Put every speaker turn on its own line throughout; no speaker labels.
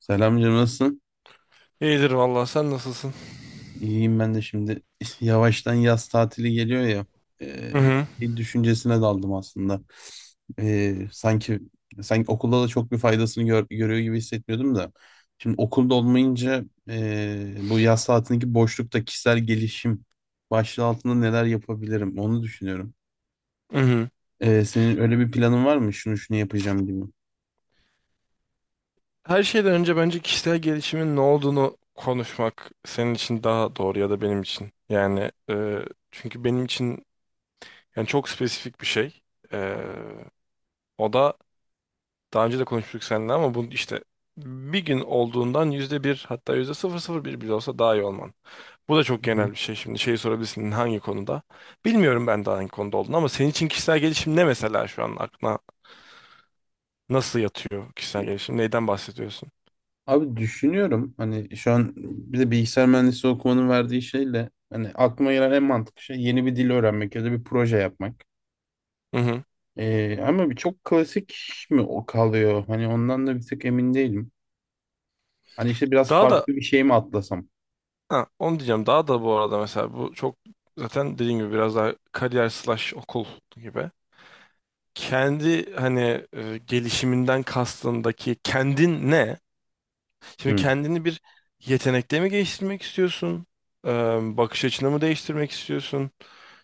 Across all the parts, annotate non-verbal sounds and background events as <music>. Selam canım, nasılsın?
İyidir vallahi sen nasılsın?
İyiyim ben de şimdi. <laughs> Yavaştan yaz tatili geliyor ya, e,
Hı hı.
bir düşüncesine daldım aslında. E, sanki sanki okulda da çok bir faydasını görüyor gibi hissetmiyordum da. Şimdi okulda olmayınca, bu yaz tatilindeki boşlukta kişisel gelişim başlığı altında neler yapabilirim onu düşünüyorum.
Hı hı.
Senin öyle bir planın var mı? Şunu şunu yapacağım gibi.
Her şeyden önce bence kişisel gelişimin ne olduğunu konuşmak senin için daha doğru ya da benim için. Yani çünkü benim için yani çok spesifik bir şey. E, o da daha önce de konuştuk seninle ama bu işte bir gün olduğundan %1 hatta %0,01 bile olsa daha iyi olman. Bu da çok genel bir şey şimdi. Şeyi sorabilirsin hangi konuda? Bilmiyorum ben de hangi konuda olduğunu ama senin için kişisel gelişim ne mesela şu an aklına nasıl yatıyor kişisel gelişim? Neyden bahsediyorsun?
Abi düşünüyorum, hani şu an bir de bilgisayar mühendisliği okumanın verdiği şeyle hani aklıma gelen en mantıklı şey yeni bir dil öğrenmek ya da bir proje yapmak.
Hı hı.
Ama bir çok klasik mi o kalıyor? Hani ondan da bir tık emin değilim. Hani işte biraz
Daha da
farklı bir şey mi atlasam?
ha, Onu diyeceğim. Daha da bu arada mesela bu çok zaten dediğim gibi biraz daha kariyer slash okul gibi. Kendi hani gelişiminden kastındaki kendin ne? Şimdi
Hı.
kendini bir yetenekle mi geliştirmek istiyorsun? E, bakış açını mı değiştirmek istiyorsun?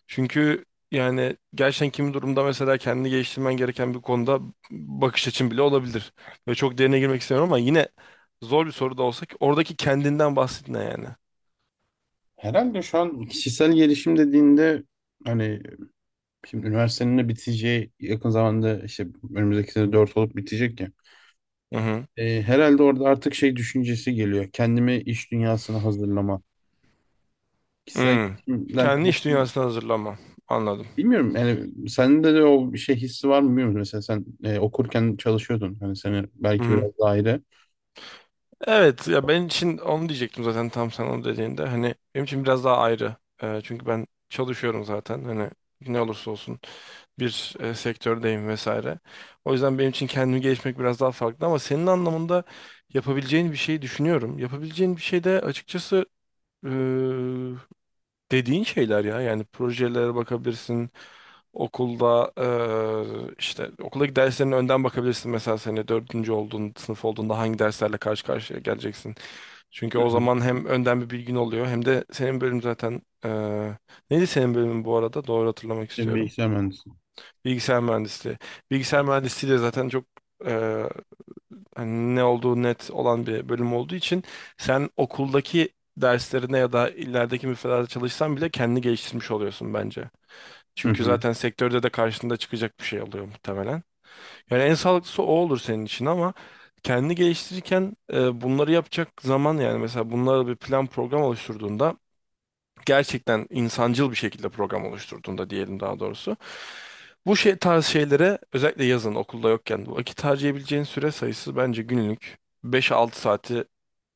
Çünkü yani gerçekten kimi durumda mesela kendini geliştirmen gereken bir konuda bakış açın bile olabilir. Ve çok derine girmek istemiyorum ama yine zor bir soru da olsa ki oradaki kendinden bahsetme yani.
Herhalde şu an kişisel gelişim dediğinde, hani şimdi üniversitenin de biteceği yakın zamanda işte önümüzdeki sene 4 olup bitecek ya.
Hı hı.
Herhalde orada artık şey düşüncesi geliyor. Kendimi iş dünyasına hazırlama. Kişisel
Hmm.
gelişimden
Kendi iş
kastım,
dünyasına hazırlanma. Anladım.
bilmiyorum yani, sende de o bir şey hissi var mı bilmiyorum, mesela sen okurken çalışıyordun, hani seni
Hı
belki
hı.
biraz daha ayrı.
Evet ya ben için onu diyecektim zaten tam sen onu dediğinde. Hani benim için biraz daha ayrı. Çünkü ben çalışıyorum zaten. Hani ne olursa olsun bir sektördeyim vesaire. O yüzden benim için kendimi gelişmek biraz daha farklı ama senin anlamında yapabileceğin bir şey düşünüyorum. Yapabileceğin bir şey de açıkçası e, dediğin şeyler ya. Yani projelere bakabilirsin. Okulda işte okuldaki derslerine önden bakabilirsin. Mesela sene dördüncü olduğun sınıf olduğunda hangi derslerle karşı karşıya geleceksin. Çünkü
Hı
o
hı.
zaman hem önden bir bilgin oluyor hem de senin bölüm zaten neydi senin bölümün bu arada? Doğru hatırlamak
Bir
istiyorum.
bilgisayar mühendisi.
Bilgisayar mühendisliği. Bilgisayar mühendisliği de zaten çok eee, hani ne olduğu net olan bir bölüm olduğu için sen okuldaki derslerine ya da ilerideki müfredata çalışsan bile kendini geliştirmiş oluyorsun bence.
Hı
Çünkü
hı.
zaten sektörde de karşında çıkacak bir şey oluyor muhtemelen. Yani en sağlıklısı o olur senin için ama kendini geliştirirken bunları yapacak zaman yani mesela bunlara bir plan program oluşturduğunda gerçekten insancıl bir şekilde program oluşturduğunda diyelim daha doğrusu bu şey tarz şeylere özellikle yazın okulda yokken vakit harcayabileceğin süre sayısı bence günlük 5-6 saati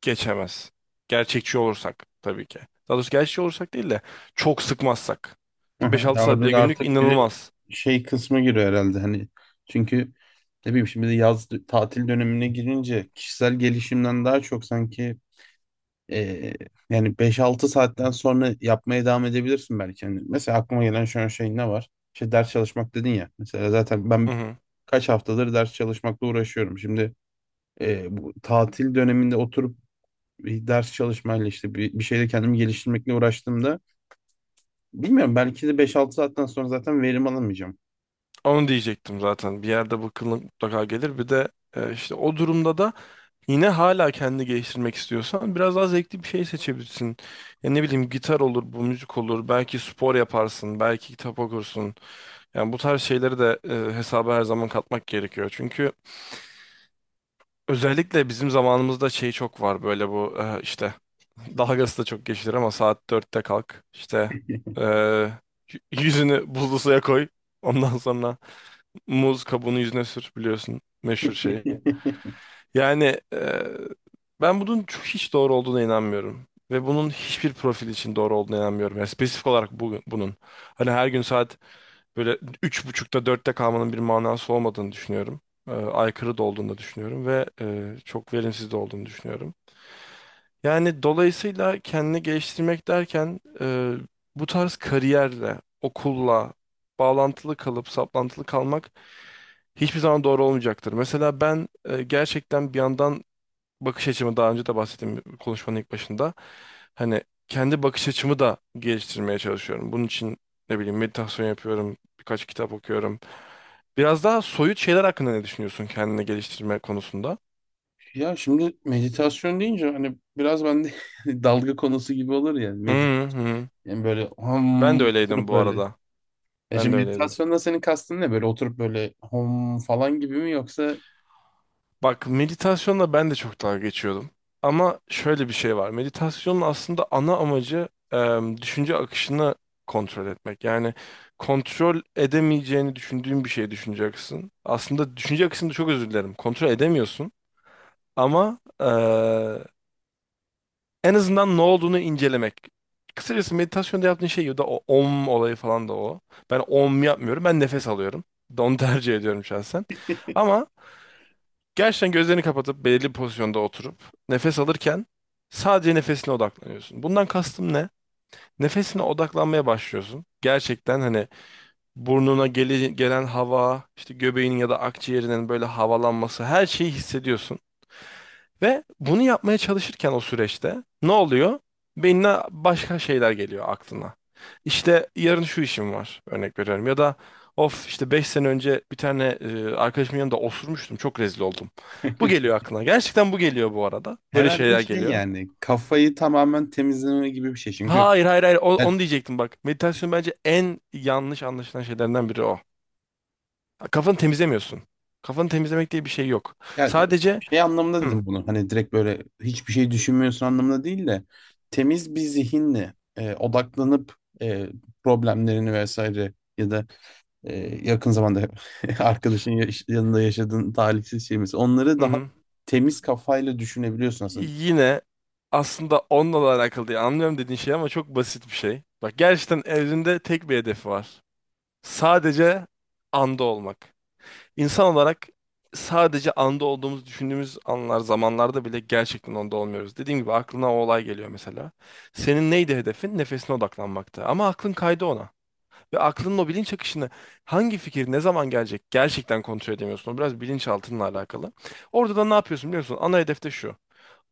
geçemez. Gerçekçi olursak tabii ki. Daha doğrusu gerçekçi olursak değil de çok sıkmazsak. Ki
Hı.
5-6
Ya
saat
orada
bile
da
günlük
artık bir
inanılmaz.
şey kısmı giriyor herhalde, hani çünkü ne bileyim şimdi de yaz tatil dönemine girince kişisel gelişimden daha çok sanki. Ee, yani beş altı saatten sonra yapmaya devam edebilirsin belki. Hani mesela aklıma gelen şu an şey ne var? İşte ders çalışmak dedin ya. Mesela zaten
Hı
ben
hı.
kaç haftadır ders çalışmakla uğraşıyorum. Şimdi bu tatil döneminde oturup bir ders çalışmayla işte bir şeyle kendimi geliştirmekle uğraştığımda bilmiyorum belki de beş altı saatten sonra zaten verim alamayacağım.
Onu diyecektim zaten. Bir yerde bu kıllık mutlaka gelir. Bir de işte o durumda da yine hala kendi geliştirmek istiyorsan biraz daha zevkli bir şey seçebilirsin. Ya ne bileyim gitar olur, bu müzik olur. Belki spor yaparsın, belki kitap okursun. Yani bu tarz şeyleri de hesaba her zaman katmak gerekiyor. Çünkü özellikle bizim zamanımızda şey çok var böyle bu işte dalgası da çok geçilir ama saat 4'te kalk. İşte eee, yüzünü buzlu suya koy. Ondan sonra muz kabuğunu yüzüne sür biliyorsun meşhur şeyi.
<laughs>
Yani ben bunun hiç doğru olduğuna inanmıyorum. Ve bunun hiçbir profil için doğru olduğuna inanmıyorum. Yani spesifik olarak bunun. Hani her gün saat böyle üç buçukta dörtte kalmanın bir manası olmadığını düşünüyorum. Aykırı da olduğunu da düşünüyorum ve çok verimsiz de olduğunu düşünüyorum. Yani dolayısıyla kendini geliştirmek derken bu tarz kariyerle, okulla bağlantılı kalıp saplantılı kalmak hiçbir zaman doğru olmayacaktır. Mesela ben gerçekten bir yandan bakış açımı daha önce de bahsettiğim konuşmanın ilk başında hani kendi bakış açımı da geliştirmeye çalışıyorum. Bunun için ne bileyim meditasyon yapıyorum, birkaç kitap okuyorum. Biraz daha soyut şeyler hakkında ne düşünüyorsun kendini geliştirme konusunda?
Ya şimdi meditasyon deyince hani biraz bende <laughs> dalga konusu gibi olur ya.
Hı
Medit,
hı.
yani böyle ham
Ben de öyleydim
oturup
bu
böyle.
arada.
Ya
Ben de
şimdi
öyleydim.
meditasyonda senin kastın ne? Böyle oturup böyle hom falan gibi mi, yoksa
Bak meditasyonla ben de çok dalga geçiyordum. Ama şöyle bir şey var. Meditasyonun aslında ana amacı düşünce akışını kontrol etmek. Yani kontrol edemeyeceğini düşündüğün bir şey düşüneceksin. Aslında düşünce akışını çok özür dilerim. Kontrol edemiyorsun. Ama en azından ne olduğunu incelemek. Kısacası meditasyonda yaptığın şey ya da o om olayı falan da o. Ben om yapmıyorum. Ben nefes alıyorum. Onu tercih ediyorum şahsen. Ama gerçekten gözlerini kapatıp belirli bir pozisyonda oturup nefes alırken sadece nefesine odaklanıyorsun. Bundan kastım ne? Nefesine odaklanmaya başlıyorsun. Gerçekten hani burnuna gelen hava, işte göbeğinin ya da akciğerinin böyle havalanması her şeyi hissediyorsun. Ve bunu yapmaya çalışırken o süreçte ne oluyor? Beynine başka şeyler geliyor aklına. İşte yarın şu işim var örnek veriyorum ya da of işte 5 sene önce bir tane arkadaşımın yanında osurmuştum çok rezil oldum. Bu
<laughs>
geliyor aklına. Gerçekten bu geliyor bu arada. Böyle
herhalde
şeyler
şey,
geliyor.
yani kafayı tamamen temizleme gibi bir şey. Çünkü
Hayır, hayır, hayır,
ya,
onu diyecektim bak. Meditasyon bence en yanlış anlaşılan şeylerden biri o. Kafanı temizlemiyorsun. Kafanı temizlemek diye bir şey yok.
ya
Sadece
şey anlamında
hı,
dedim bunu. Hani direkt böyle hiçbir şey düşünmüyorsun anlamında değil de temiz bir zihinle odaklanıp, e, problemlerini vesaire ya da e, yakın zamanda <laughs> arkadaşın yanında yaşadığın talihsiz şey mesela, onları daha
hı,
temiz kafayla düşünebiliyorsun aslında.
yine aslında onunla da alakalı değil. Anlıyorum dediğin şey ama çok basit bir şey. Bak gerçekten evrende tek bir hedefi var. Sadece anda olmak. İnsan olarak sadece anda olduğumuzu düşündüğümüz anlar, zamanlarda bile gerçekten onda olmuyoruz. Dediğim gibi aklına o olay geliyor mesela. Senin neydi hedefin? Nefesine odaklanmaktı. Ama aklın kaydı ona. Ve aklının o bilinç akışını hangi fikir ne zaman gelecek gerçekten kontrol edemiyorsun. O biraz bilinçaltınla alakalı. Orada da ne yapıyorsun biliyor musun? Ana hedefte şu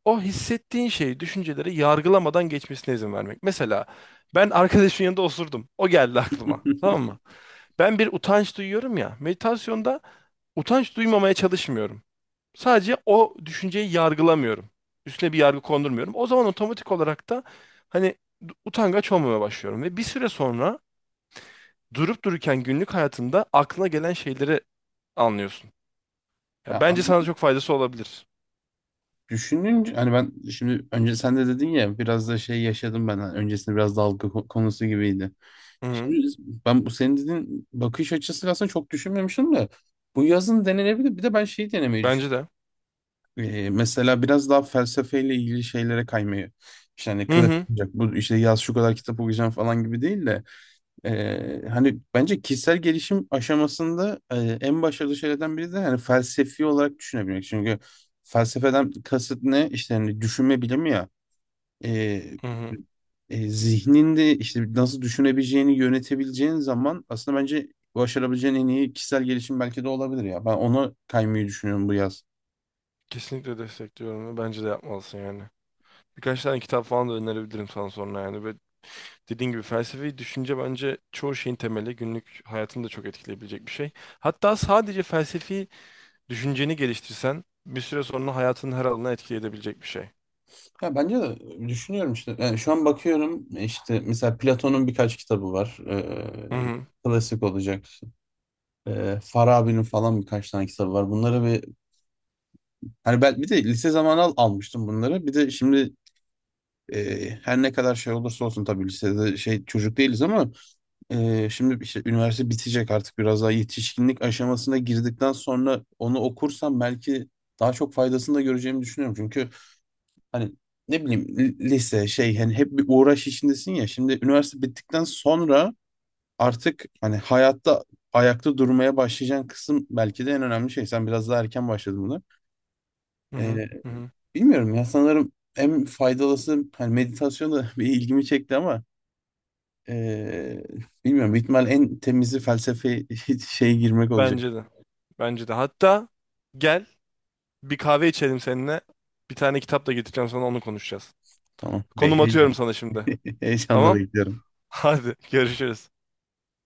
o hissettiğin şeyi, düşünceleri yargılamadan geçmesine izin vermek. Mesela ben arkadaşın yanında osurdum. O geldi aklıma. Tamam
<laughs>
mı? Ben bir utanç duyuyorum ya. Meditasyonda utanç duymamaya çalışmıyorum. Sadece o düşünceyi yargılamıyorum. Üstüne bir yargı kondurmuyorum. O zaman otomatik olarak da hani utangaç olmamaya başlıyorum. Ve bir süre sonra durup dururken günlük hayatında aklına gelen şeyleri anlıyorsun. Ya
Ya,
bence sana çok faydası olabilir.
düşününce hani ben şimdi önce sen de dedin ya, biraz da şey yaşadım ben, hani öncesinde biraz dalga konusu gibiydi.
Hı hı.
Şimdi ben bu senin dediğin bakış açısı aslında çok düşünmemiştim de bu yazın denenebilir. Bir de ben şeyi denemeyi düşün.
Bence de.
Mesela biraz daha felsefeyle ilgili şeylere kaymayı. İşte hani
Hı
klasik
hı.
olacak. Bu işte yaz şu kadar kitap okuyacağım falan gibi değil de hani bence kişisel gelişim aşamasında en başarılı şeylerden biri de hani felsefi olarak düşünebilmek. Çünkü felsefeden kasıt ne? İşte hani düşünme bilimi ya. Ee,
Hı hı.
zihninde işte nasıl düşünebileceğini yönetebileceğin zaman aslında bence başarabileceğin en iyi kişisel gelişim belki de olabilir ya. Ben ona kaymayı düşünüyorum bu yaz.
Kesinlikle destekliyorum ve bence de yapmalısın yani. Birkaç tane kitap falan da önerebilirim sana sonra yani. Ve dediğin gibi felsefi düşünce bence çoğu şeyin temeli. Günlük hayatını da çok etkileyebilecek bir şey. Hatta sadece felsefi düşünceni geliştirsen bir süre sonra hayatının her alanına etki edebilecek bir şey.
Ya bence de düşünüyorum işte. Yani şu an bakıyorum işte mesela Platon'un birkaç kitabı var.
Hı hı.
Klasik olacak. Farabi'nin falan birkaç tane kitabı var. Bunları bir, hani ben bir de lise zamanı almıştım bunları. Bir de şimdi her ne kadar şey olursa olsun tabii lisede şey çocuk değiliz ama şimdi işte üniversite bitecek, artık biraz daha yetişkinlik aşamasına girdikten sonra onu okursam belki daha çok faydasını da göreceğimi düşünüyorum. Çünkü hani ne bileyim lise şey, hani hep bir uğraş içindesin ya. Şimdi üniversite bittikten sonra artık hani hayatta ayakta durmaya başlayacağın kısım belki de en önemli şey. Sen biraz daha erken başladın buna.
Hı hı.
Ee,
Hı hı.
bilmiyorum ya, sanırım en faydalısı hani meditasyon da <laughs> bir ilgimi çekti ama ee, bilmiyorum, ihtimal en temizi felsefe <laughs> şeye girmek olacak.
Bence de. Bence de. Hatta gel bir kahve içelim seninle. Bir tane kitap da getireceğim sana onu konuşacağız.
Tamam. Be
Konum atıyorum
heyecan.
sana şimdi.
<laughs> Heyecanla
Tamam?
bekliyorum.
<laughs> Hadi görüşürüz.